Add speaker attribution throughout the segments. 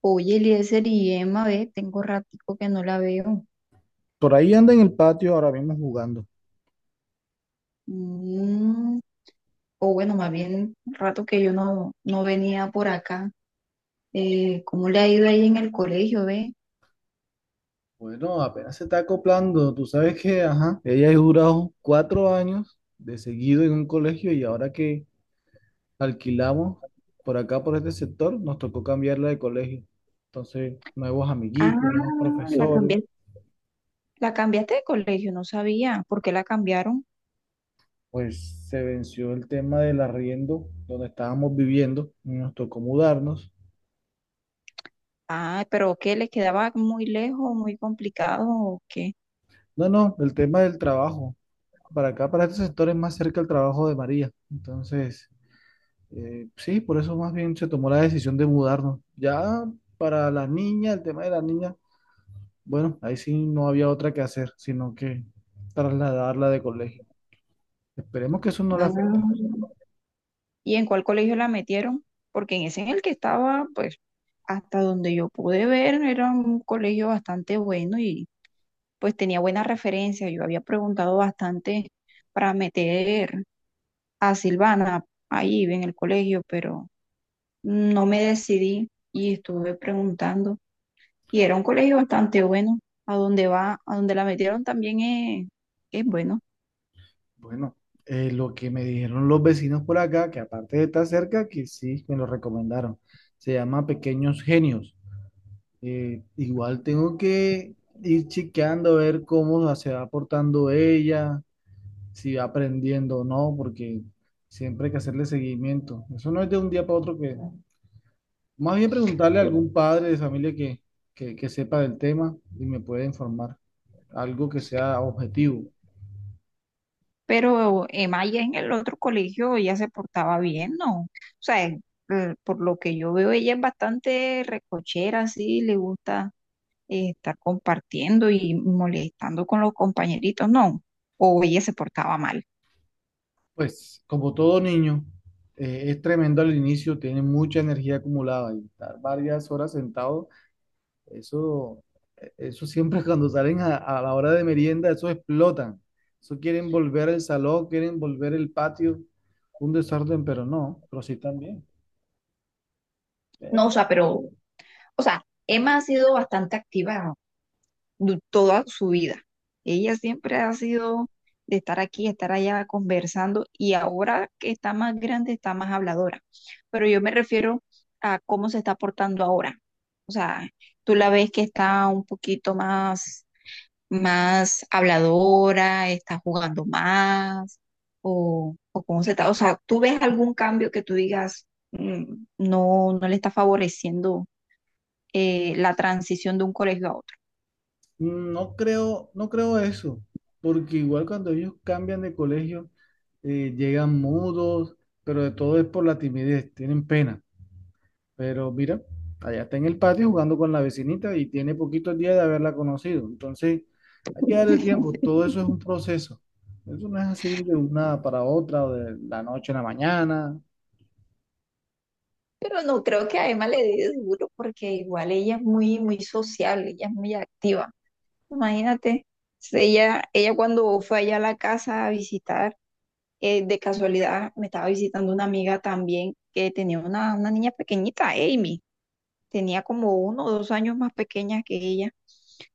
Speaker 1: Oye, Eliezer y Emma, ve, tengo ratico que no la veo.
Speaker 2: Por ahí anda en el patio ahora mismo jugando.
Speaker 1: Mm, o bueno, más bien rato que yo no venía por acá. ¿cómo le ha ido ahí en el colegio, ve?
Speaker 2: Bueno, apenas se está acoplando. Tú sabes que, ajá, ella ha durado 4 años de seguido en un colegio y ahora que alquilamos por acá, por este sector, nos tocó cambiarla de colegio. Entonces, nuevos
Speaker 1: Ah,
Speaker 2: amiguitos, nuevos
Speaker 1: la
Speaker 2: profesores,
Speaker 1: cambié, la cambiaste de colegio, no sabía por qué la cambiaron.
Speaker 2: pues se venció el tema del arriendo donde estábamos viviendo y nos tocó mudarnos.
Speaker 1: Ah, pero ¿qué? ¿Les quedaba muy lejos, muy complicado o qué?
Speaker 2: No, no, el tema del trabajo. Para acá, para este sector es más cerca el trabajo de María. Entonces, sí, por eso más bien se tomó la decisión de mudarnos. Ya para la niña, el tema de la niña, bueno, ahí sí no había otra que hacer, sino que trasladarla de colegio. Esperemos que eso no la
Speaker 1: Ah,
Speaker 2: afecte.
Speaker 1: ¿y en cuál colegio la metieron? Porque en ese en el que estaba, pues, hasta donde yo pude ver, era un colegio bastante bueno y pues tenía buenas referencias. Yo había preguntado bastante para meter a Silvana ahí en el colegio, pero no me decidí y estuve preguntando. Y era un colegio bastante bueno. A donde va, a donde la metieron también es bueno.
Speaker 2: Bueno, lo que me dijeron los vecinos por acá, que aparte de estar cerca, que sí me lo recomendaron. Se llama Pequeños Genios. Igual tengo que ir chequeando a ver cómo se va portando ella, si va aprendiendo o no, porque siempre hay que hacerle seguimiento. Eso no es de un día para otro que... Más bien preguntarle a algún padre de familia que sepa del tema y me pueda informar. Algo que sea objetivo.
Speaker 1: Pero Emaya en el otro colegio ya se portaba bien, ¿no? O sea, por lo que yo veo, ella es bastante recochera, sí, le gusta estar compartiendo y molestando con los compañeritos, no. O ella se portaba mal.
Speaker 2: Pues como todo niño, es tremendo al inicio, tiene mucha energía acumulada y estar varias horas sentado. Eso, eso siempre cuando salen a la hora de merienda, eso explotan. Eso quieren volver el salón, quieren volver el patio, un desorden, pero no, pero sí también.
Speaker 1: No, o
Speaker 2: Eh,
Speaker 1: sea, pero, o sea, Emma ha sido bastante activa toda su vida. Ella siempre ha sido de estar aquí, estar allá conversando y ahora que está más grande está más habladora. Pero yo me refiero a cómo se está portando ahora. O sea, tú la ves que está un poquito más más habladora, está jugando más, o cómo se está. O sea, ¿tú ves algún cambio que tú digas no, no le está favoreciendo la transición de un colegio a otro?
Speaker 2: No creo, no creo eso, porque igual cuando ellos cambian de colegio, llegan mudos, pero de todo es por la timidez, tienen pena. Pero mira, allá está en el patio jugando con la vecinita y tiene poquitos días de haberla conocido. Entonces, hay que darle tiempo. Todo eso es un proceso. Eso no es así de una para otra, o de la noche a la mañana.
Speaker 1: Pero no creo que a Emma le dé duro porque igual ella es muy, muy sociable, ella es muy activa. Imagínate, si ella cuando fue allá a la casa a visitar, de casualidad me estaba visitando una amiga también que tenía una niña pequeñita, Amy. Tenía como uno o dos años más pequeña que ella.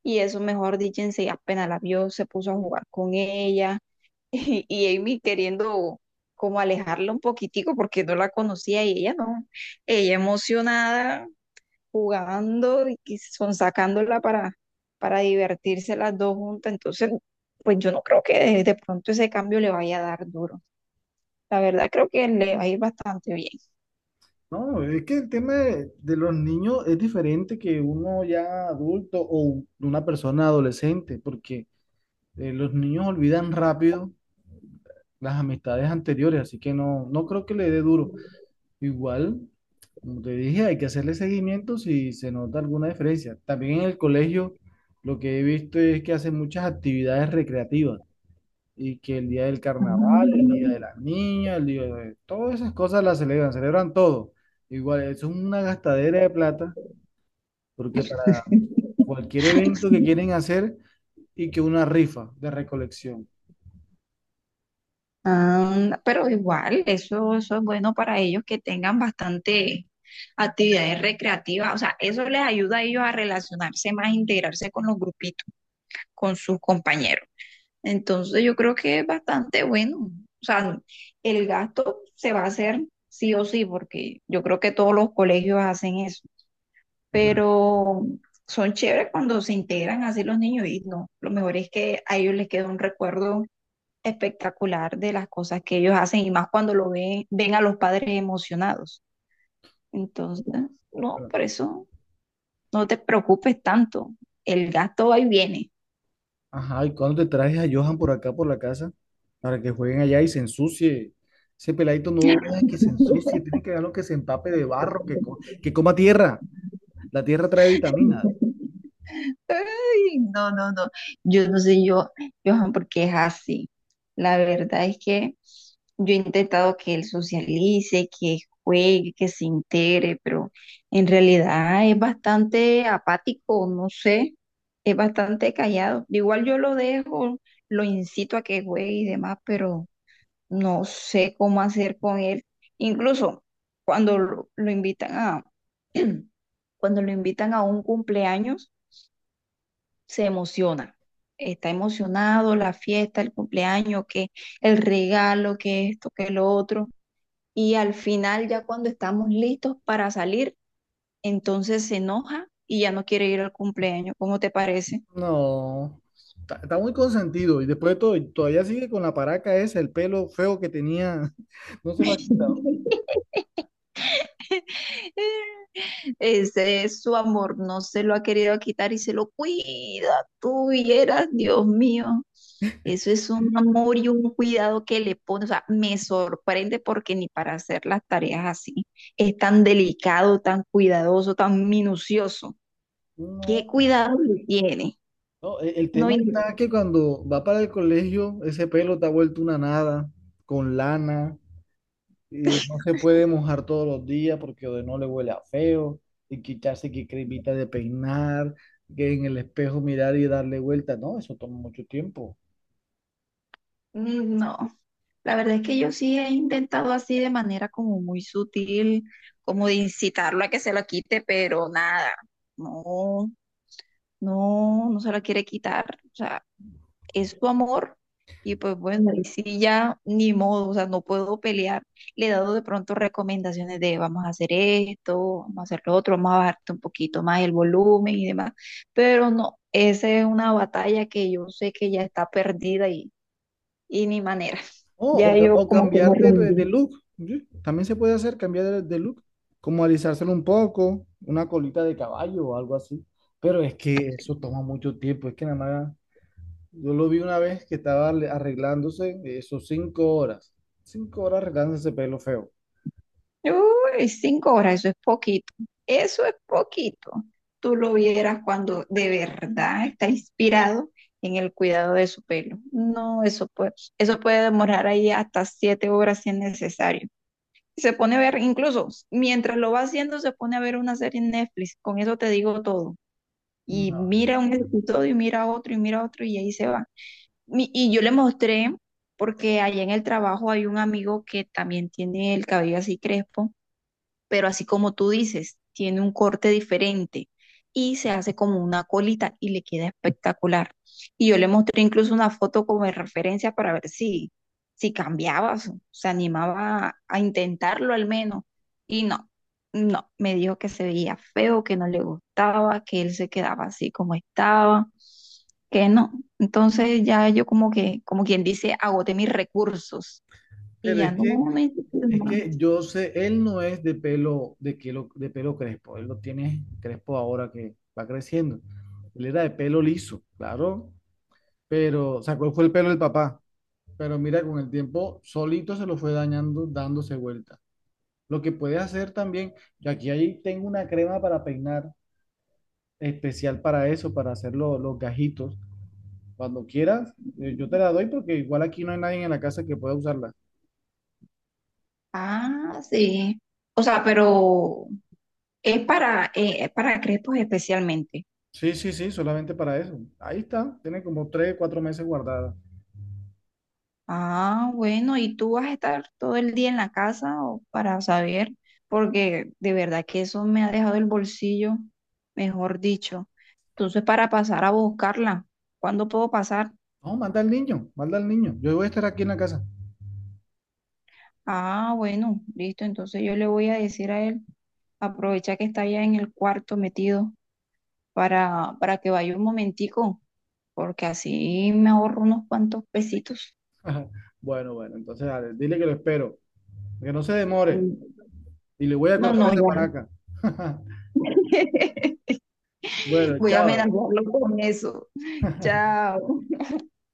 Speaker 1: Y eso, mejor dicho, apenas la vio, se puso a jugar con ella. Y Amy queriendo como alejarla un poquitico porque no la conocía y ella no. Ella emocionada, jugando y que son sacándola para divertirse las dos juntas. Entonces, pues yo no creo que de pronto ese cambio le vaya a dar duro. La verdad creo que le va a ir bastante
Speaker 2: No, es que el tema de los niños es diferente que uno ya adulto o una persona adolescente, porque los niños olvidan rápido las amistades anteriores, así que no, no creo que le dé duro. Igual, como te dije, hay que hacerle seguimiento si se nota alguna diferencia. También en el colegio lo que he visto es que hacen muchas actividades recreativas y que el día del carnaval, el día
Speaker 1: bien.
Speaker 2: de las niñas, el día de todas esas cosas las celebran, celebran todo. Igual, eso es una gastadera de plata porque para cualquier evento que quieren hacer y que una rifa de recolección.
Speaker 1: Ah, pero igual, eso es bueno para ellos que tengan bastante actividades recreativas. O sea, eso les ayuda a ellos a relacionarse más, a integrarse con los grupitos, con sus compañeros. Entonces, yo creo que es bastante bueno. O sea, el gasto se va a hacer sí o sí, porque yo creo que todos los colegios hacen eso. Pero son chéveres cuando se integran así los niños y no, lo mejor es que a ellos les queda un recuerdo espectacular de las cosas que ellos hacen y más cuando lo ven, ven a los padres emocionados. Entonces, no, por eso no te preocupes tanto, el gasto va y viene.
Speaker 2: Ajá, ¿y cuándo te traes a Johan por acá, por la casa? Para que jueguen allá y se ensucie. Ese peladito no deja que se ensucie, tiene que dejarlo que se empape de barro, que coma tierra. La tierra trae vitaminas.
Speaker 1: Ay, no, no, no. Yo no sé yo, Johan, por qué es así. La verdad es que yo he intentado que él socialice, que juegue, que se integre, pero en realidad es bastante apático, no sé, es bastante callado. Igual yo lo dejo, lo incito a que juegue y demás, pero no sé cómo hacer con él. Incluso cuando lo invitan a, cuando lo invitan a un cumpleaños se emociona. Está emocionado, la fiesta, el cumpleaños, que el regalo, que esto, que lo otro. Y al final, ya cuando estamos listos para salir, entonces se enoja y ya no quiere ir al cumpleaños. ¿Cómo te parece?
Speaker 2: No, está muy consentido. Y después de todo, y todavía sigue con la paraca esa, el pelo feo que tenía. No se lo has quitado.
Speaker 1: Ese es su amor, no se lo ha querido quitar y se lo cuida tú y eras, Dios mío. Eso es un amor y un cuidado que le pone, o sea, me sorprende porque ni para hacer las tareas así es tan delicado, tan cuidadoso, tan minucioso. ¿Qué
Speaker 2: No,
Speaker 1: cuidado le tiene?
Speaker 2: no, el
Speaker 1: No,
Speaker 2: tema está
Speaker 1: in-
Speaker 2: que cuando va para el colegio, ese pelo está vuelto una nada, con lana. Y no se puede mojar todos los días porque de no le huele a feo y quitarse que cremita de peinar, que en el espejo mirar y darle vuelta. No, eso toma mucho tiempo.
Speaker 1: no. La verdad es que yo sí he intentado así de manera como muy sutil, como de incitarlo a que se lo quite, pero nada, no, no, no se lo quiere quitar. O sea, es su amor y pues bueno, y sí ya ni modo, o sea, no puedo pelear. Le he dado de pronto recomendaciones de vamos a hacer esto, vamos a hacer lo otro, vamos a bajarte un poquito más el volumen y demás, pero no, esa es una batalla que yo sé que ya está perdida y ni manera.
Speaker 2: Oh,
Speaker 1: Ya
Speaker 2: o, ca-
Speaker 1: yo
Speaker 2: o
Speaker 1: como que me
Speaker 2: cambiar de
Speaker 1: rendí.
Speaker 2: look. ¿Sí? También se puede hacer cambiar de look, como alisárselo un poco, una colita de caballo o algo así. Pero es que eso toma mucho tiempo. Es que nada más, yo lo vi una vez que estaba arreglándose, eso 5 horas. 5 horas arreglándose ese pelo feo.
Speaker 1: Uy, 5 horas, eso es poquito. Eso es poquito. Tú lo vieras cuando de verdad está inspirado en el cuidado de su pelo. No, eso puede demorar ahí hasta 7 horas si es necesario. Se pone a ver, incluso mientras lo va haciendo, se pone a ver una serie en Netflix. Con eso te digo todo.
Speaker 2: No,
Speaker 1: Y mira un episodio y mira otro y mira otro y ahí se va. Y yo le mostré, porque allá en el trabajo hay un amigo que también tiene el cabello así crespo, pero así como tú dices, tiene un corte diferente y se hace como una colita y le queda espectacular. Y yo le mostré incluso una foto como de referencia para ver si, si cambiaba, se animaba a intentarlo al menos. Y no, no, me dijo que se veía feo, que no le gustaba, que él se quedaba así como estaba, que no. Entonces ya yo como que, como quien dice, agoté mis recursos y
Speaker 2: pero
Speaker 1: ya
Speaker 2: es que Es
Speaker 1: no.
Speaker 2: que yo sé, él no es de pelo crespo, él lo tiene crespo ahora que va creciendo. Él era de pelo liso, claro, pero sacó fue el pelo del papá, pero mira, con el tiempo solito se lo fue dañando, dándose vuelta. Lo que puedes hacer también, yo aquí ahí tengo una crema para peinar especial para eso, para hacer los gajitos. Cuando quieras, yo te la doy porque igual aquí no hay nadie en la casa que pueda usarla.
Speaker 1: Ah, sí. O sea, pero es para crepos especialmente.
Speaker 2: Sí, sí, sí, solamente para eso. Ahí está, tiene como 3, 4 meses guardada.
Speaker 1: Ah, bueno, ¿y tú vas a estar todo el día en la casa o para saber? Porque de verdad que eso me ha dejado el bolsillo, mejor dicho. Entonces, para pasar a buscarla, ¿cuándo puedo pasar?
Speaker 2: No, manda al niño, manda al niño. Yo voy a estar aquí en la casa.
Speaker 1: Ah, bueno, listo. Entonces yo le voy a decir a él, aprovecha que está allá en el cuarto metido para que vaya un momentico, porque así me ahorro unos cuantos pesitos.
Speaker 2: Bueno, bueno, entonces dale, dile que lo espero. Que no se demore.
Speaker 1: Mm,
Speaker 2: Y le voy a
Speaker 1: no,
Speaker 2: cortar
Speaker 1: no,
Speaker 2: esa
Speaker 1: ya.
Speaker 2: paraca. Bueno,
Speaker 1: Voy a
Speaker 2: chao.
Speaker 1: amenazarlo con eso. Chao.